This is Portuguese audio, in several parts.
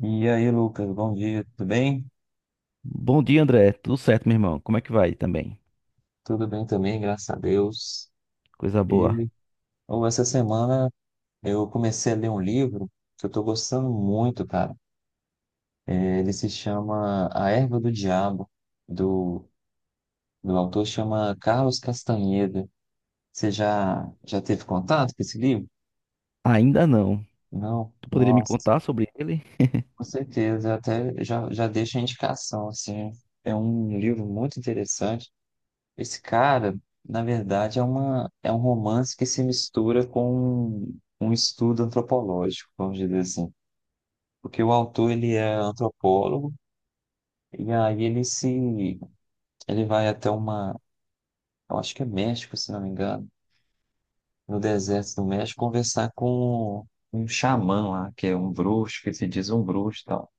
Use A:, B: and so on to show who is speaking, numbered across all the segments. A: E aí, Lucas, bom dia, tudo bem?
B: Bom dia, André. Tudo certo, meu irmão? Como é que vai também?
A: Tudo bem também, graças a Deus.
B: Coisa boa.
A: E ou essa semana eu comecei a ler um livro que eu tô gostando muito, cara. Ele se chama A Erva do Diabo, do, do autor chama Carlos Castaneda. Você já teve contato com esse livro?
B: Ainda não.
A: Não?
B: Tu poderia me
A: Nossa,
B: contar sobre ele?
A: com certeza. Até já deixa a indicação, assim. É um livro muito interessante. Esse cara, na verdade, é é um romance que se mistura com um estudo antropológico, vamos dizer assim. Porque o autor, ele é antropólogo, e aí ele se, ele vai até uma, eu acho que é México, se não me engano, no deserto do México, conversar com um xamã lá, que é um bruxo, que se diz um bruxo e tal.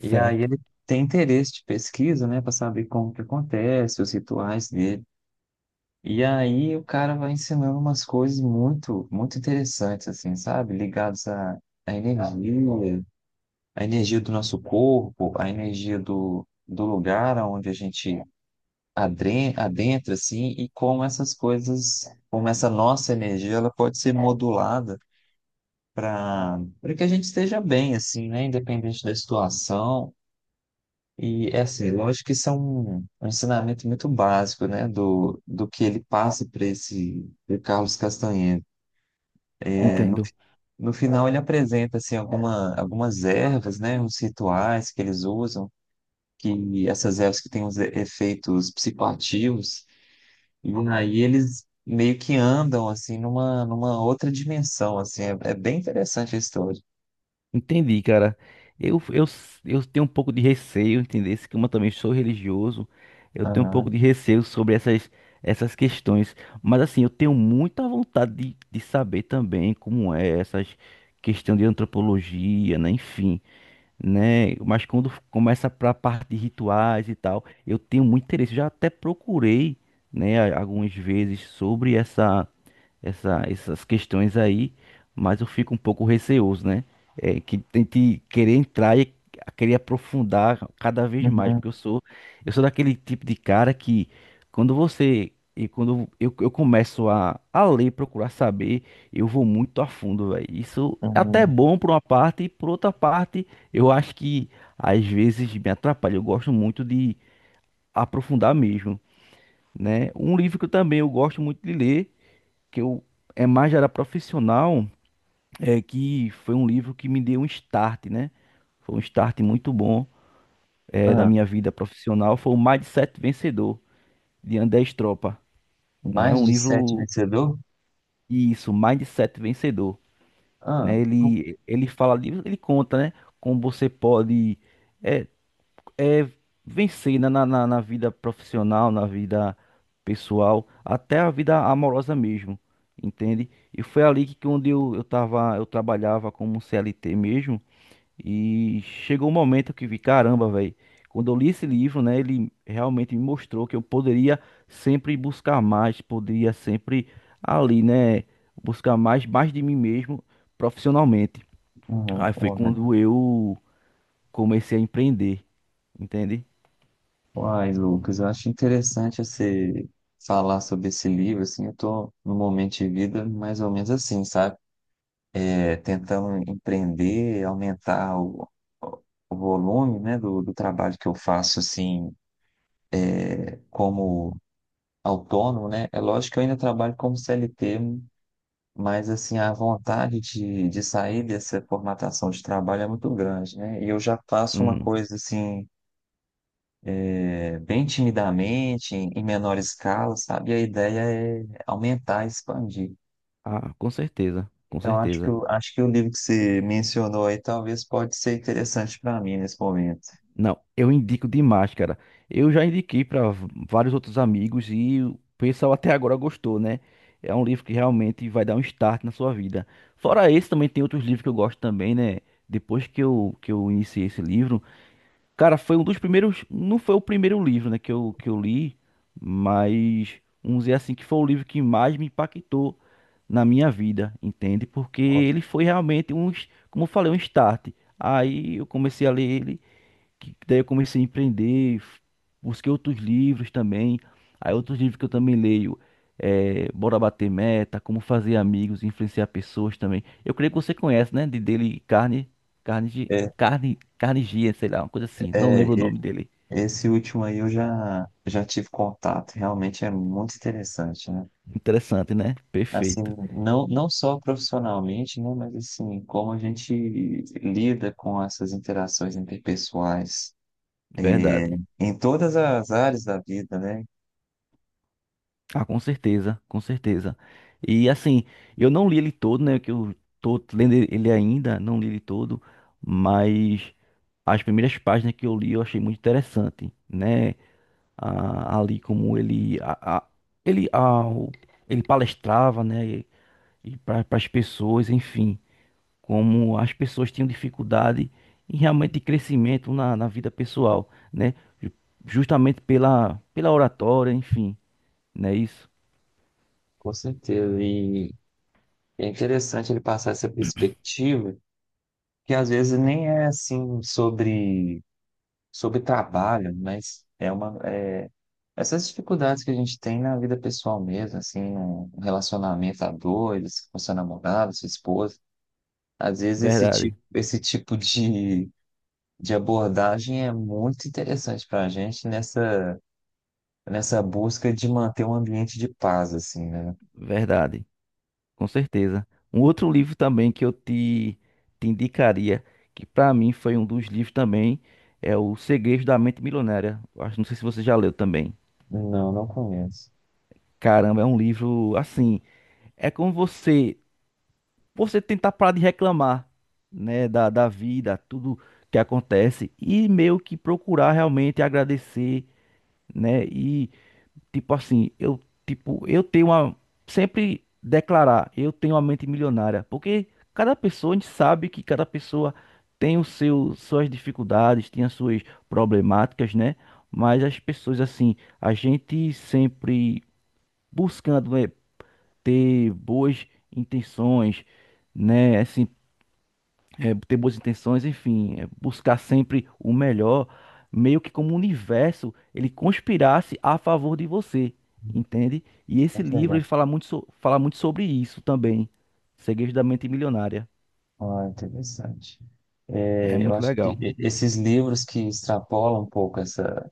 A: E aí ele tem interesse de pesquisa, né, para saber como que acontece, os rituais dele. E aí o cara vai ensinando umas coisas muito interessantes, assim, sabe? Ligadas à energia, à energia do nosso corpo, à energia do lugar onde a gente adentra, assim, e como essas coisas, como essa nossa energia, ela pode ser modulada para que a gente esteja bem, assim, né? Independente da situação. E é assim, lógico que isso é um ensinamento muito básico, né, do que ele passa para esse pro Carlos Castanheira. É, no,
B: Entendo.
A: no final ele apresenta assim algumas ervas, né, uns rituais que eles usam, que essas ervas que têm uns efeitos psicoativos, e aí eles meio que andam assim numa, numa outra dimensão, assim, é bem interessante a história.
B: Entendi, cara. Eu, eu, eu tenho um pouco de receio, entender se como eu também sou religioso, eu tenho um
A: Aham.
B: pouco de receio sobre essas questões. Mas assim, eu tenho muita vontade de saber também como é essas questão de antropologia, né? Enfim, né? Mas quando começa para a parte de rituais e tal, eu tenho muito interesse. Já até procurei, né, algumas vezes sobre essas questões aí, mas eu fico um pouco receoso, né? É, que tente querer entrar e querer aprofundar cada vez mais, porque
A: Uhum,
B: eu sou daquele tipo de cara que quando você e quando eu começo a ler, procurar saber, eu vou muito a fundo, velho. Isso é até
A: uhum.
B: bom por uma parte, e por outra parte, eu acho que às vezes me atrapalha. Eu gosto muito de aprofundar mesmo, né? Um livro que eu também eu gosto muito de ler que eu é mais já era profissional, é que foi um livro que me deu um start, né? Foi um start muito bom, é, da
A: Ah,
B: minha vida profissional, foi o Mindset Vencedor, de André Estropa, né? É
A: mais
B: um
A: de sete
B: livro,
A: vencedor?
B: isso, Mindset Vencedor,
A: Ah.
B: né? Ele fala, ele conta, né? Como você pode, é, é, vencer, né, na vida profissional, na vida pessoal, até a vida amorosa mesmo, entende? E foi ali que onde eu tava, eu trabalhava como CLT mesmo, e chegou um momento que vi, caramba, velho, quando eu li esse livro, né, ele realmente me mostrou que eu poderia sempre buscar mais, poderia sempre ali, né, buscar mais, mais de mim mesmo profissionalmente.
A: Uhum.
B: Aí foi
A: Uai,
B: quando eu comecei a empreender, entende?
A: uai, Lucas, eu acho interessante você falar sobre esse livro, assim, eu tô no momento de vida mais ou menos assim, sabe? É, tentando empreender, aumentar o volume, né, do trabalho que eu faço, assim, como autônomo, né? É lógico que eu ainda trabalho como CLT, mas, assim, a vontade de sair dessa formatação de trabalho é muito grande, né? E eu já faço uma
B: Uhum.
A: coisa, assim bem timidamente, em menor escala, sabe? E a ideia é aumentar, expandir.
B: Ah, com certeza, com
A: Então,
B: certeza.
A: acho que o livro que você mencionou aí talvez pode ser interessante para mim nesse momento.
B: Não, eu indico demais, cara. Eu já indiquei para vários outros amigos e o pessoal até agora gostou, né? É um livro que realmente vai dar um start na sua vida. Fora esse, também tem outros livros que eu gosto também, né? Depois que eu iniciei esse livro. Cara, foi um dos primeiros. Não foi o primeiro livro, né, que eu li, mas vamos dizer assim que foi o livro que mais me impactou na minha vida, entende? Porque ele foi realmente um, como eu falei, um start. Aí eu comecei a ler ele, que daí eu comecei a empreender, busquei outros livros também. Aí outros livros que eu também leio é Bora Bater Meta, Como Fazer Amigos, Influenciar Pessoas também. Eu creio que você conhece, né? De dele Carne, Carne, de
A: É,
B: Carne, Carnegie, sei lá, uma coisa assim. Não
A: é,
B: lembro o
A: e-
B: nome dele.
A: Esse último aí eu já tive contato, realmente é muito interessante, né?
B: Interessante, né?
A: Assim,
B: Perfeito.
A: não só profissionalmente, né? Mas assim, como a gente lida com essas interações interpessoais, é,
B: Verdade.
A: em todas as áreas da vida, né?
B: Ah, com certeza, com certeza. E assim, eu não li ele todo, né? Que eu tô lendo ele ainda, não li ele todo, mas as primeiras páginas que eu li eu achei muito interessante, né? Ah, ali como ele, ele, ele palestrava, né? E para as pessoas, enfim, como as pessoas tinham dificuldade em realmente crescimento na vida pessoal, né? ju- Justamente pela oratória, enfim, não é isso?
A: Com certeza. E é interessante ele passar essa perspectiva, que às vezes nem é assim sobre trabalho, mas é essas dificuldades que a gente tem na vida pessoal mesmo, assim, no relacionamento a dois, com seu namorado, sua esposa. Às vezes
B: Verdade.
A: esse tipo de abordagem é muito interessante para a gente nessa, nessa busca de manter um ambiente de paz, assim, né?
B: Verdade, com certeza. Um outro livro também que eu te indicaria, que para mim foi um dos livros também, é O Segredo da Mente Milionária. Eu acho, não sei se você já leu também.
A: Não, não conheço.
B: Caramba, é um livro assim, é como você tentar parar de reclamar, né, da vida, tudo que acontece e meio que procurar realmente agradecer, né. Tipo assim, eu, tipo, eu tenho uma. Sempre declarar, eu tenho uma mente milionária. Porque cada pessoa, a gente sabe que cada pessoa tem o seu, suas dificuldades, tem as suas problemáticas, né? Mas as pessoas, assim, a gente sempre buscando, né, ter boas intenções, né? Assim, é, ter boas intenções, enfim, é, buscar sempre o melhor, meio que como o universo ele conspirasse a favor de você, entende? E
A: Não
B: esse
A: sei.
B: livro ele fala muito, fala muito sobre isso também, Segredos da Mente Milionária.
A: Ah, interessante.
B: É
A: É, eu
B: muito
A: acho que
B: legal.
A: esses livros que extrapolam um pouco essa.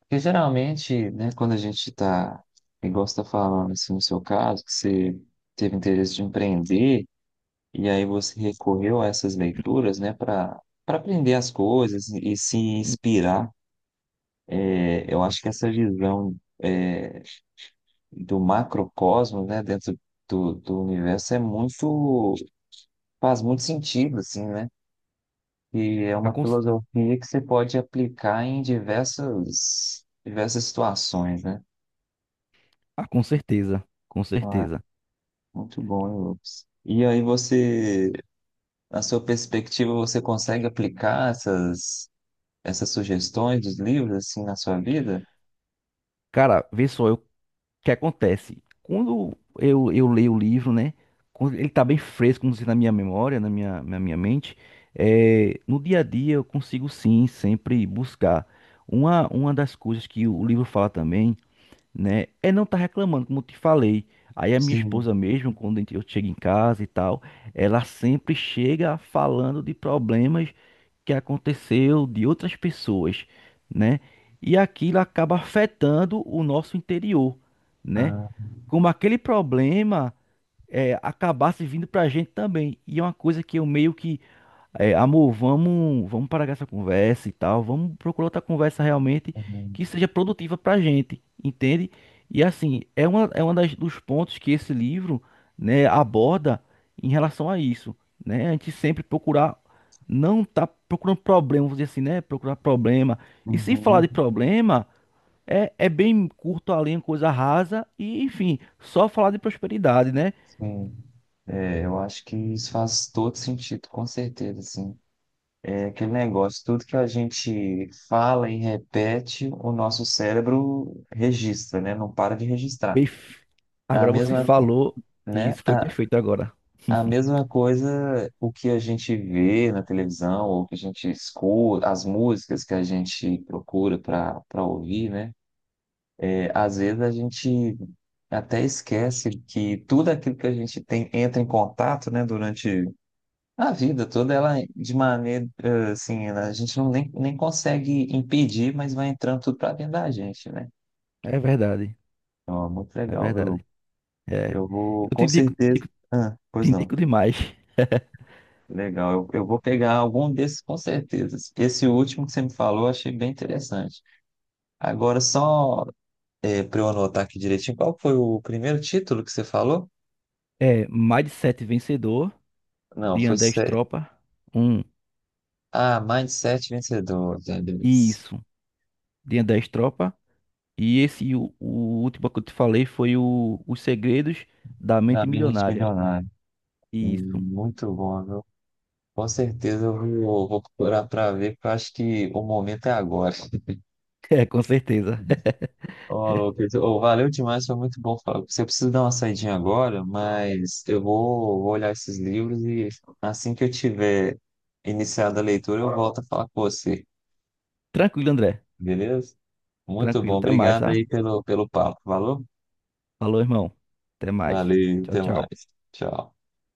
A: Porque geralmente, né, quando a gente está, igual você está falando, assim, no seu caso, que você teve interesse de empreender, e aí você recorreu a essas leituras, né, para aprender as coisas e se
B: Hum,
A: inspirar. É, eu acho que essa visão, é, do macrocosmo, né, dentro do universo é muito. Faz muito sentido, assim, né? E é
B: ah,
A: uma filosofia que você pode aplicar em diversas, diversas situações, né?
B: com certeza, com
A: Ah,
B: certeza.
A: muito bom, hein, Lucas. E aí você, na sua perspectiva, você consegue aplicar essas, essas sugestões dos livros, assim, na sua vida?
B: Cara, vê só, eu que acontece? Quando eu leio o livro, né? Quando ele tá bem fresco, como se na minha memória, na minha mente. É, no dia a dia, eu consigo sim sempre buscar. Uma das coisas que o livro fala também, né? É não tá reclamando, como eu te falei. Aí a minha
A: Sim.
B: esposa mesmo, quando eu chego em casa e tal, ela sempre chega falando de problemas que aconteceu de outras pessoas, né? E aquilo acaba afetando o nosso interior, né?
A: Ah,
B: Como aquele problema é, acabasse vindo pra gente também. E é uma coisa que eu meio que é, amor, vamos parar com essa conversa e tal. Vamos procurar outra conversa realmente
A: uhum.
B: que seja produtiva pra gente, entende? E assim, é uma das, dos pontos que esse livro, né, aborda em relação a isso, né? A gente sempre procurar, não tá procurando problema, vamos dizer assim, né? Procurar problema. E se falar
A: Uhum.
B: de problema, é bem curto a linha, coisa rasa e, enfim, só falar de prosperidade, né?
A: Sim. É, eu acho que isso faz todo sentido, com certeza, assim. É aquele negócio, tudo que a gente fala e repete, o nosso cérebro registra, né? Não para de registrar.
B: Perf-
A: A
B: Agora você
A: mesma, uhum.
B: falou, e
A: Né?
B: isso foi perfeito agora.
A: A mesma coisa, o que a gente vê na televisão, ou que a gente escuta, as músicas que a gente procura para ouvir, né? É, às vezes a gente até esquece que tudo aquilo que a gente tem entra em contato, né? Durante a vida toda, ela de maneira assim, a gente não nem consegue impedir, mas vai entrando tudo para dentro da gente, né?
B: É verdade,
A: Então, é muito
B: é
A: legal, viu, Lu?
B: verdade. É.
A: Eu vou,
B: Eu te
A: com
B: indico,
A: certeza. Ah,
B: te
A: pois não.
B: indico demais.
A: Legal, eu vou pegar algum desses com certeza. Esse último que você me falou, eu achei bem interessante. Agora, só para eu anotar aqui direitinho, qual foi o primeiro título que você falou?
B: É Mindset Vencedor,
A: Não,
B: de
A: foi.
B: André
A: Se-
B: Tropa. Um.
A: Ah, Mindset Vencedor,
B: Isso, de André Tropa. E esse, o último que eu te falei, foi o Os Segredos da
A: da
B: Mente
A: Mente
B: Milionária.
A: Milionário.
B: Isso.
A: Muito bom, viu? Com certeza eu vou, vou procurar para ver, porque eu acho que o momento é agora.
B: É, com certeza.
A: Ó, Lucas, ô, valeu demais, foi muito bom falar com. Você precisa dar uma saidinha agora, mas eu vou, vou olhar esses livros e assim que eu tiver iniciado a leitura, eu volto a falar com você,
B: Tranquilo, André.
A: beleza? Muito bom,
B: Tranquilo. Até mais,
A: obrigado
B: tá?
A: aí pelo, pelo papo, valeu?
B: Falou, irmão. Até mais.
A: Valeu,
B: Tchau,
A: até
B: tchau.
A: mais. Tchau.